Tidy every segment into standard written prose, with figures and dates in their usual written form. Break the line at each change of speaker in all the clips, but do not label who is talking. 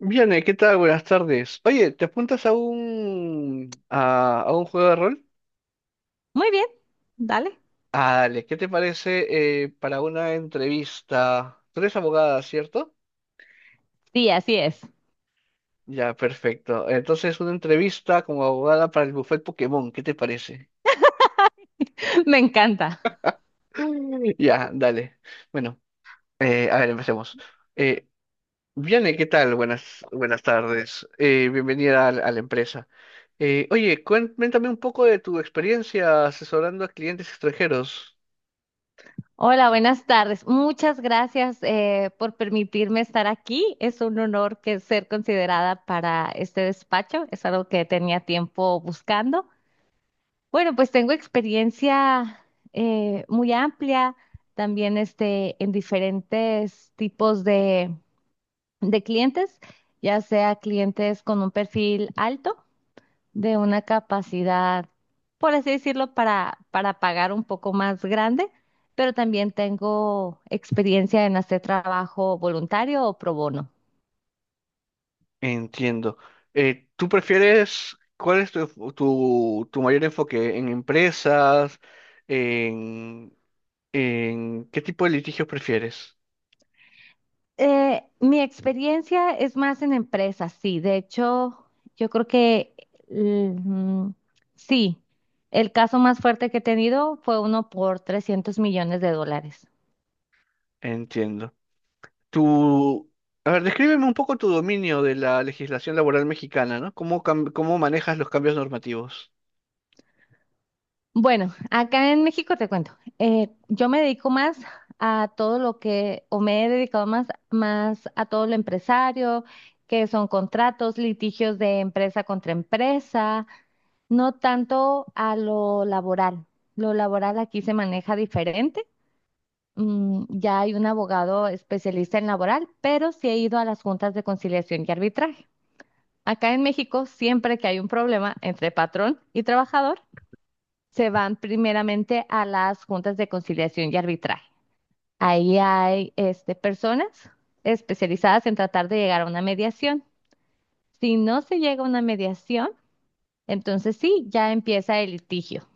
Bien, ¿qué tal? Buenas tardes. Oye, ¿te apuntas a a un juego de rol?
Muy bien, dale.
Ah, dale, ¿qué te parece para una entrevista? Tú eres abogada, ¿cierto?
Sí, así es.
Ya, perfecto. Entonces, una entrevista como abogada para el buffet Pokémon, ¿qué te parece?
Me encanta.
Ya, dale. Bueno, a ver, empecemos. Eh, Viane, ¿qué tal? Buenas, buenas tardes. Bienvenida a la empresa. Oye, cuéntame un poco de tu experiencia asesorando a clientes extranjeros.
Hola, buenas tardes. Muchas gracias por permitirme estar aquí. Es un honor que ser considerada para este despacho. Es algo que tenía tiempo buscando. Bueno, pues tengo experiencia muy amplia también este, en diferentes tipos de clientes, ya sea clientes con un perfil alto de una capacidad, por así decirlo, para pagar un poco más grande, pero también tengo experiencia en hacer trabajo voluntario o pro bono.
Entiendo. ¿Tú prefieres, cuál es tu mayor enfoque? ¿En empresas? ¿En, en qué tipo de litigios prefieres?
Mi experiencia es más en empresas, sí. De hecho, yo creo que l- mm, sí, el caso más fuerte que he tenido fue uno por $300 millones.
Entiendo. Tu, a ver, descríbeme un poco tu dominio de la legislación laboral mexicana, ¿no? Cómo manejas los cambios normativos?
Bueno, acá en México te cuento, yo me dedico más a todo lo que, o me he dedicado más, a todo lo empresario, que son contratos, litigios de empresa contra empresa, no tanto a lo laboral. Lo laboral aquí se maneja diferente. Ya hay un abogado especialista en laboral, pero sí he ido a las juntas de conciliación y arbitraje. Acá en México, siempre que hay un problema entre patrón y trabajador, se van primeramente a las juntas de conciliación y arbitraje. Ahí hay este, personas especializadas en tratar de llegar a una mediación. Si no se llega a una mediación, entonces sí, ya empieza el litigio.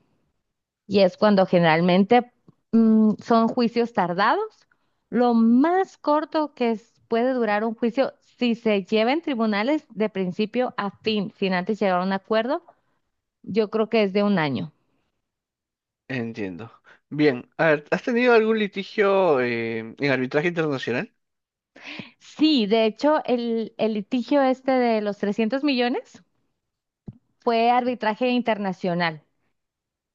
Y es cuando generalmente son juicios tardados. Lo más corto que puede durar un juicio, si se lleva en tribunales de principio a fin, sin antes llegar a un acuerdo, yo creo que es de un año.
Entiendo. Bien, a ver, ¿has tenido algún litigio en arbitraje internacional?
Sí, de hecho, el litigio este de los 300 millones fue arbitraje internacional.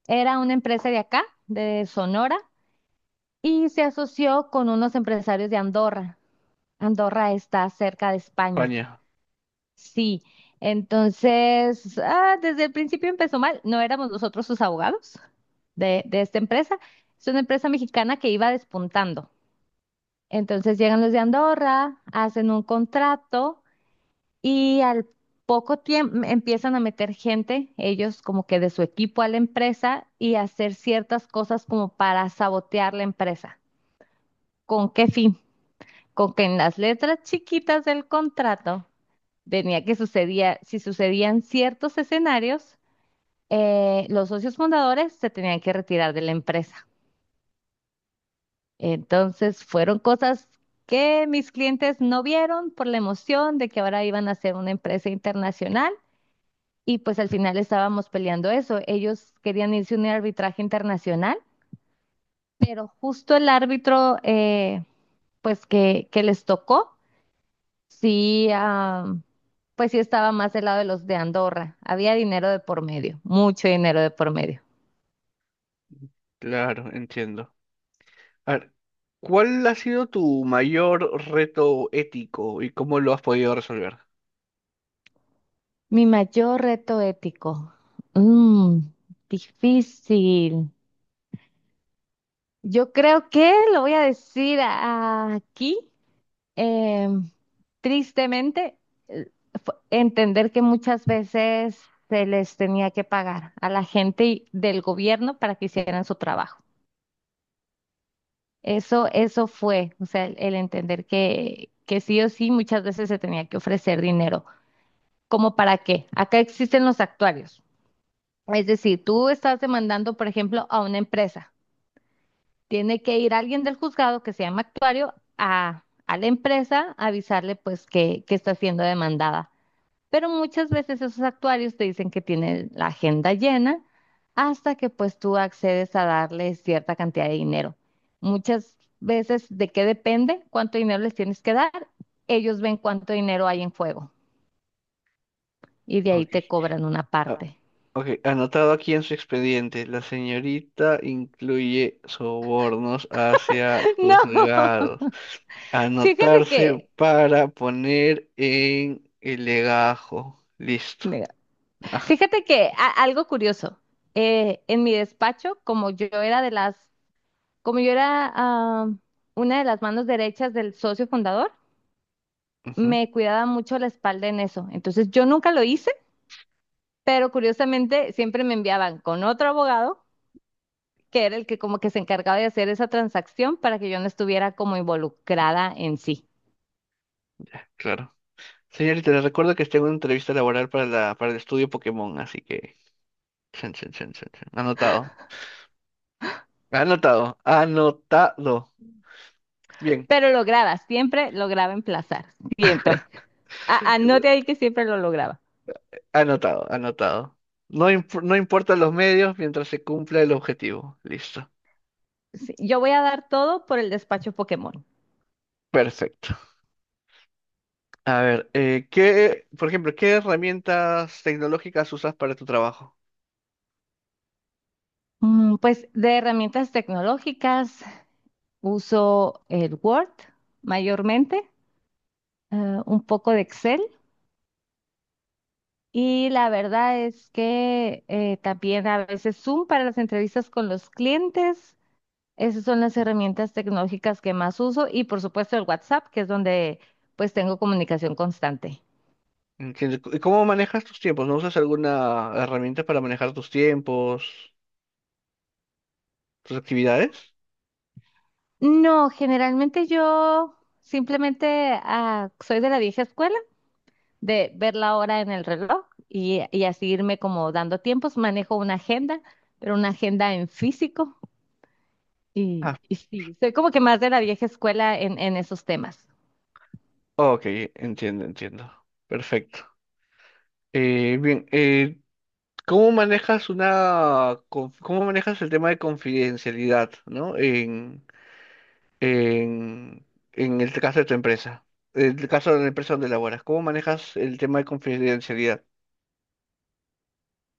Era una empresa de acá, de Sonora, y se asoció con unos empresarios de Andorra. Andorra está cerca de España.
España,
Sí, entonces, desde el principio empezó mal. No éramos nosotros sus abogados de esta empresa. Es una empresa mexicana que iba despuntando. Entonces llegan los de Andorra, hacen un contrato. Y al poco tiempo empiezan a meter gente, ellos como que de su equipo a la empresa y hacer ciertas cosas como para sabotear la empresa. ¿Con qué fin? Con que en las letras chiquitas del contrato venía que sucedía, si sucedían ciertos escenarios, los socios fundadores se tenían que retirar de la empresa. Entonces fueron cosas que mis clientes no vieron por la emoción de que ahora iban a ser una empresa internacional. Y pues al final estábamos peleando eso. Ellos querían irse a un arbitraje internacional, pero justo el árbitro, pues que les tocó, sí, pues sí estaba más del lado de los de Andorra. Había dinero de por medio, mucho dinero de por medio.
claro, entiendo. A ver, ¿cuál ha sido tu mayor reto ético y cómo lo has podido resolver?
Mi mayor reto ético. Mm, Difícil. Yo creo que lo voy a decir aquí. Eh, Tristemente, eh, entender que muchas veces se les tenía que pagar a la gente del gobierno para que hicieran su trabajo. Eso fue, o sea, el entender que sí o sí muchas veces se tenía que ofrecer dinero. ¿Cómo para qué? Acá existen los actuarios. Es decir, tú estás demandando, por ejemplo, a una empresa. Tiene que ir alguien del juzgado que se llama actuario a la empresa a avisarle pues que está siendo demandada. Pero muchas veces esos actuarios te dicen que tienen la agenda llena hasta que pues tú accedes a darle cierta cantidad de dinero. Muchas veces, ¿de qué depende? ¿Cuánto dinero les tienes que dar? Ellos ven cuánto dinero hay en juego y de ahí
Ok.
te cobran una
Ah,
parte.
ok, anotado aquí en su expediente, la señorita incluye sobornos hacia
No,
juzgados.
fíjate que,
Anotarse para poner en el legajo. Listo.
nega,
Ah,
fíjate que algo curioso. En mi despacho, como yo era de las, como yo era ah, una de las manos derechas del socio fundador,
ujú,
me cuidaba mucho la espalda en eso. Entonces yo nunca lo hice, pero curiosamente siempre me enviaban con otro abogado, que era el que como que se encargaba de hacer esa transacción para que yo no estuviera como involucrada en sí.
claro. Señorita, les recuerdo que tengo una entrevista laboral para para el estudio Pokémon, así que... Chan, chan, chan, chan, chan. Anotado. Anotado. Anotado. Bien,
Pero siempre lograba emplazar, siempre. Anote ahí que siempre lo lograba.
anotado, anotado. No, no importan los medios mientras se cumpla el objetivo. Listo.
Sí, yo voy a dar todo por el despacho Pokémon.
Perfecto. A ver, ¿qué, por ejemplo, qué herramientas tecnológicas usas para tu trabajo?
Pues de herramientas tecnológicas uso el Word mayormente, un poco de Excel. Y la verdad es que también a veces Zoom para las entrevistas con los clientes. Esas son las herramientas tecnológicas que más uso y por supuesto el WhatsApp, que es donde pues tengo comunicación constante.
Entiendo. ¿Y cómo manejas tus tiempos? ¿No usas alguna herramienta para manejar tus tiempos, tus actividades?
No, generalmente yo simplemente soy de la vieja escuela, de ver la hora en el reloj y así irme como dando tiempos. Manejo una agenda, pero una agenda en físico y,
Ah,
y sí, soy como que más de la vieja escuela en esos temas.
ok, entiendo, entiendo. Perfecto. Bien, ¿cómo manejas cómo manejas el tema de confidencialidad, ¿no? En, en el caso de tu empresa, en el caso de la empresa donde laboras, ¿cómo manejas el tema de confidencialidad?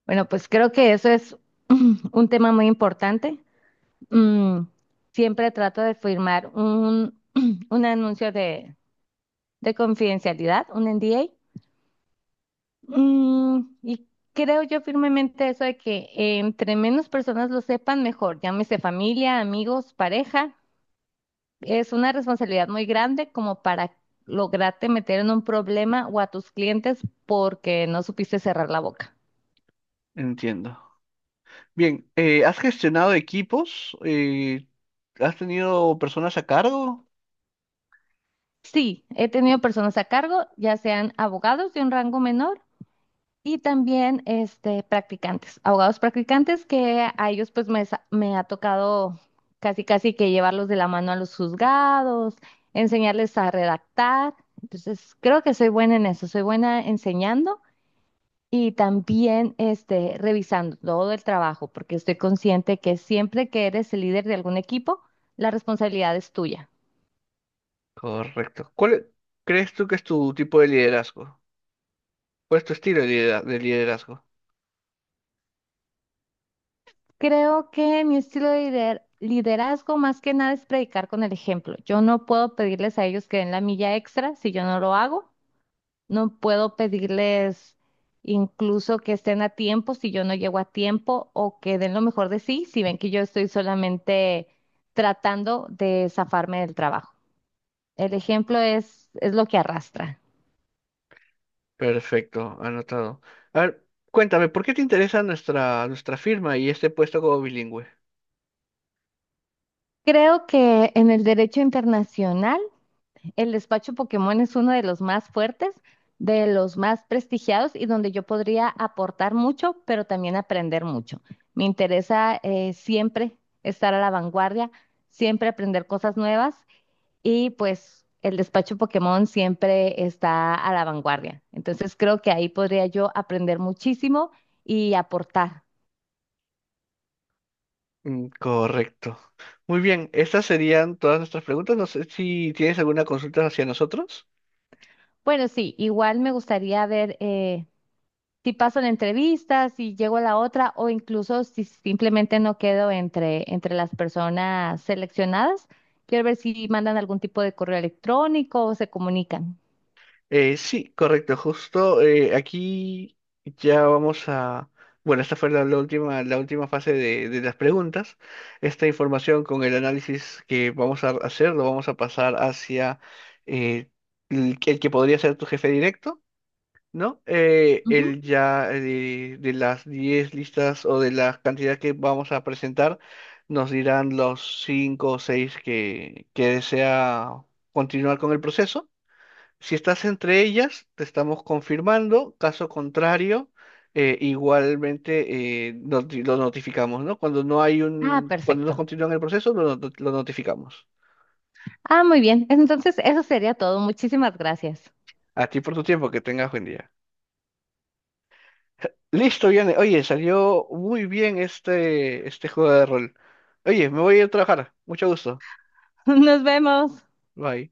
Bueno, pues creo que eso es un tema muy importante. Mm, Siempre trato de firmar un anuncio de confidencialidad, un NDA. Y creo yo firmemente eso de que entre menos personas lo sepan, mejor. Llámese familia, amigos, pareja. Es una responsabilidad muy grande como para lograrte meter en un problema o a tus clientes porque no supiste cerrar la boca.
Entiendo. Bien, ¿has gestionado equipos? ¿Has tenido personas a cargo?
Sí, he tenido personas a cargo, ya sean abogados de un rango menor y también este, practicantes, abogados practicantes que a ellos pues me ha tocado casi casi que llevarlos de la mano a los juzgados, enseñarles a redactar. Entonces, creo que soy buena en eso, soy buena enseñando y también este, revisando todo el trabajo, porque estoy consciente que siempre que eres el líder de algún equipo, la responsabilidad es tuya.
Correcto. ¿Crees tú que es tu tipo de liderazgo? ¿Cuál es tu estilo de liderazgo?
Creo que mi estilo de liderazgo más que nada es predicar con el ejemplo. Yo no puedo pedirles a ellos que den la milla extra si yo no lo hago. No puedo pedirles incluso que estén a tiempo si yo no llego a tiempo o que den lo mejor de sí si ven que yo estoy solamente tratando de zafarme del trabajo. El ejemplo es lo que arrastra.
Perfecto, anotado. A ver, cuéntame, ¿por qué te interesa nuestra firma y este puesto como bilingüe?
Creo que en el derecho internacional el despacho Pokémon es uno de los más fuertes, de los más prestigiados y donde yo podría aportar mucho, pero también aprender mucho. Me interesa siempre estar a la vanguardia, siempre aprender cosas nuevas y pues el despacho Pokémon siempre está a la vanguardia. Entonces creo que ahí podría yo aprender muchísimo y aportar.
Mm, correcto. Muy bien, estas serían todas nuestras preguntas. No sé si tienes alguna consulta hacia nosotros.
Bueno, sí, igual me gustaría ver, si paso la entrevista, si llego a la otra o incluso si simplemente no quedo entre las personas seleccionadas, quiero ver si mandan algún tipo de correo electrónico o se comunican.
Sí, correcto. Justo aquí ya vamos a... Bueno, esta fue la última fase de las preguntas. Esta información con el análisis que vamos a hacer lo vamos a pasar hacia eh, el que podría ser tu jefe directo. ¿No?
Ujú.
Él ya de las 10 listas o de la cantidad que vamos a presentar, nos dirán los 5 o 6 que desea continuar con el proceso. Si estás entre ellas, te estamos confirmando. Caso contrario, igualmente lo notificamos, ¿no? Cuando no hay
Ah,
un, cuando no
perfecto.
continúan el proceso, lo, not- lo notificamos.
Ah, muy bien. Entonces, eso sería todo. Muchísimas gracias.
A ti por tu tiempo, que tengas buen día. Listo, viene. Oye, salió muy bien este juego de rol. Oye, me voy a ir a trabajar. Mucho gusto.
Nos vemos.
Bye.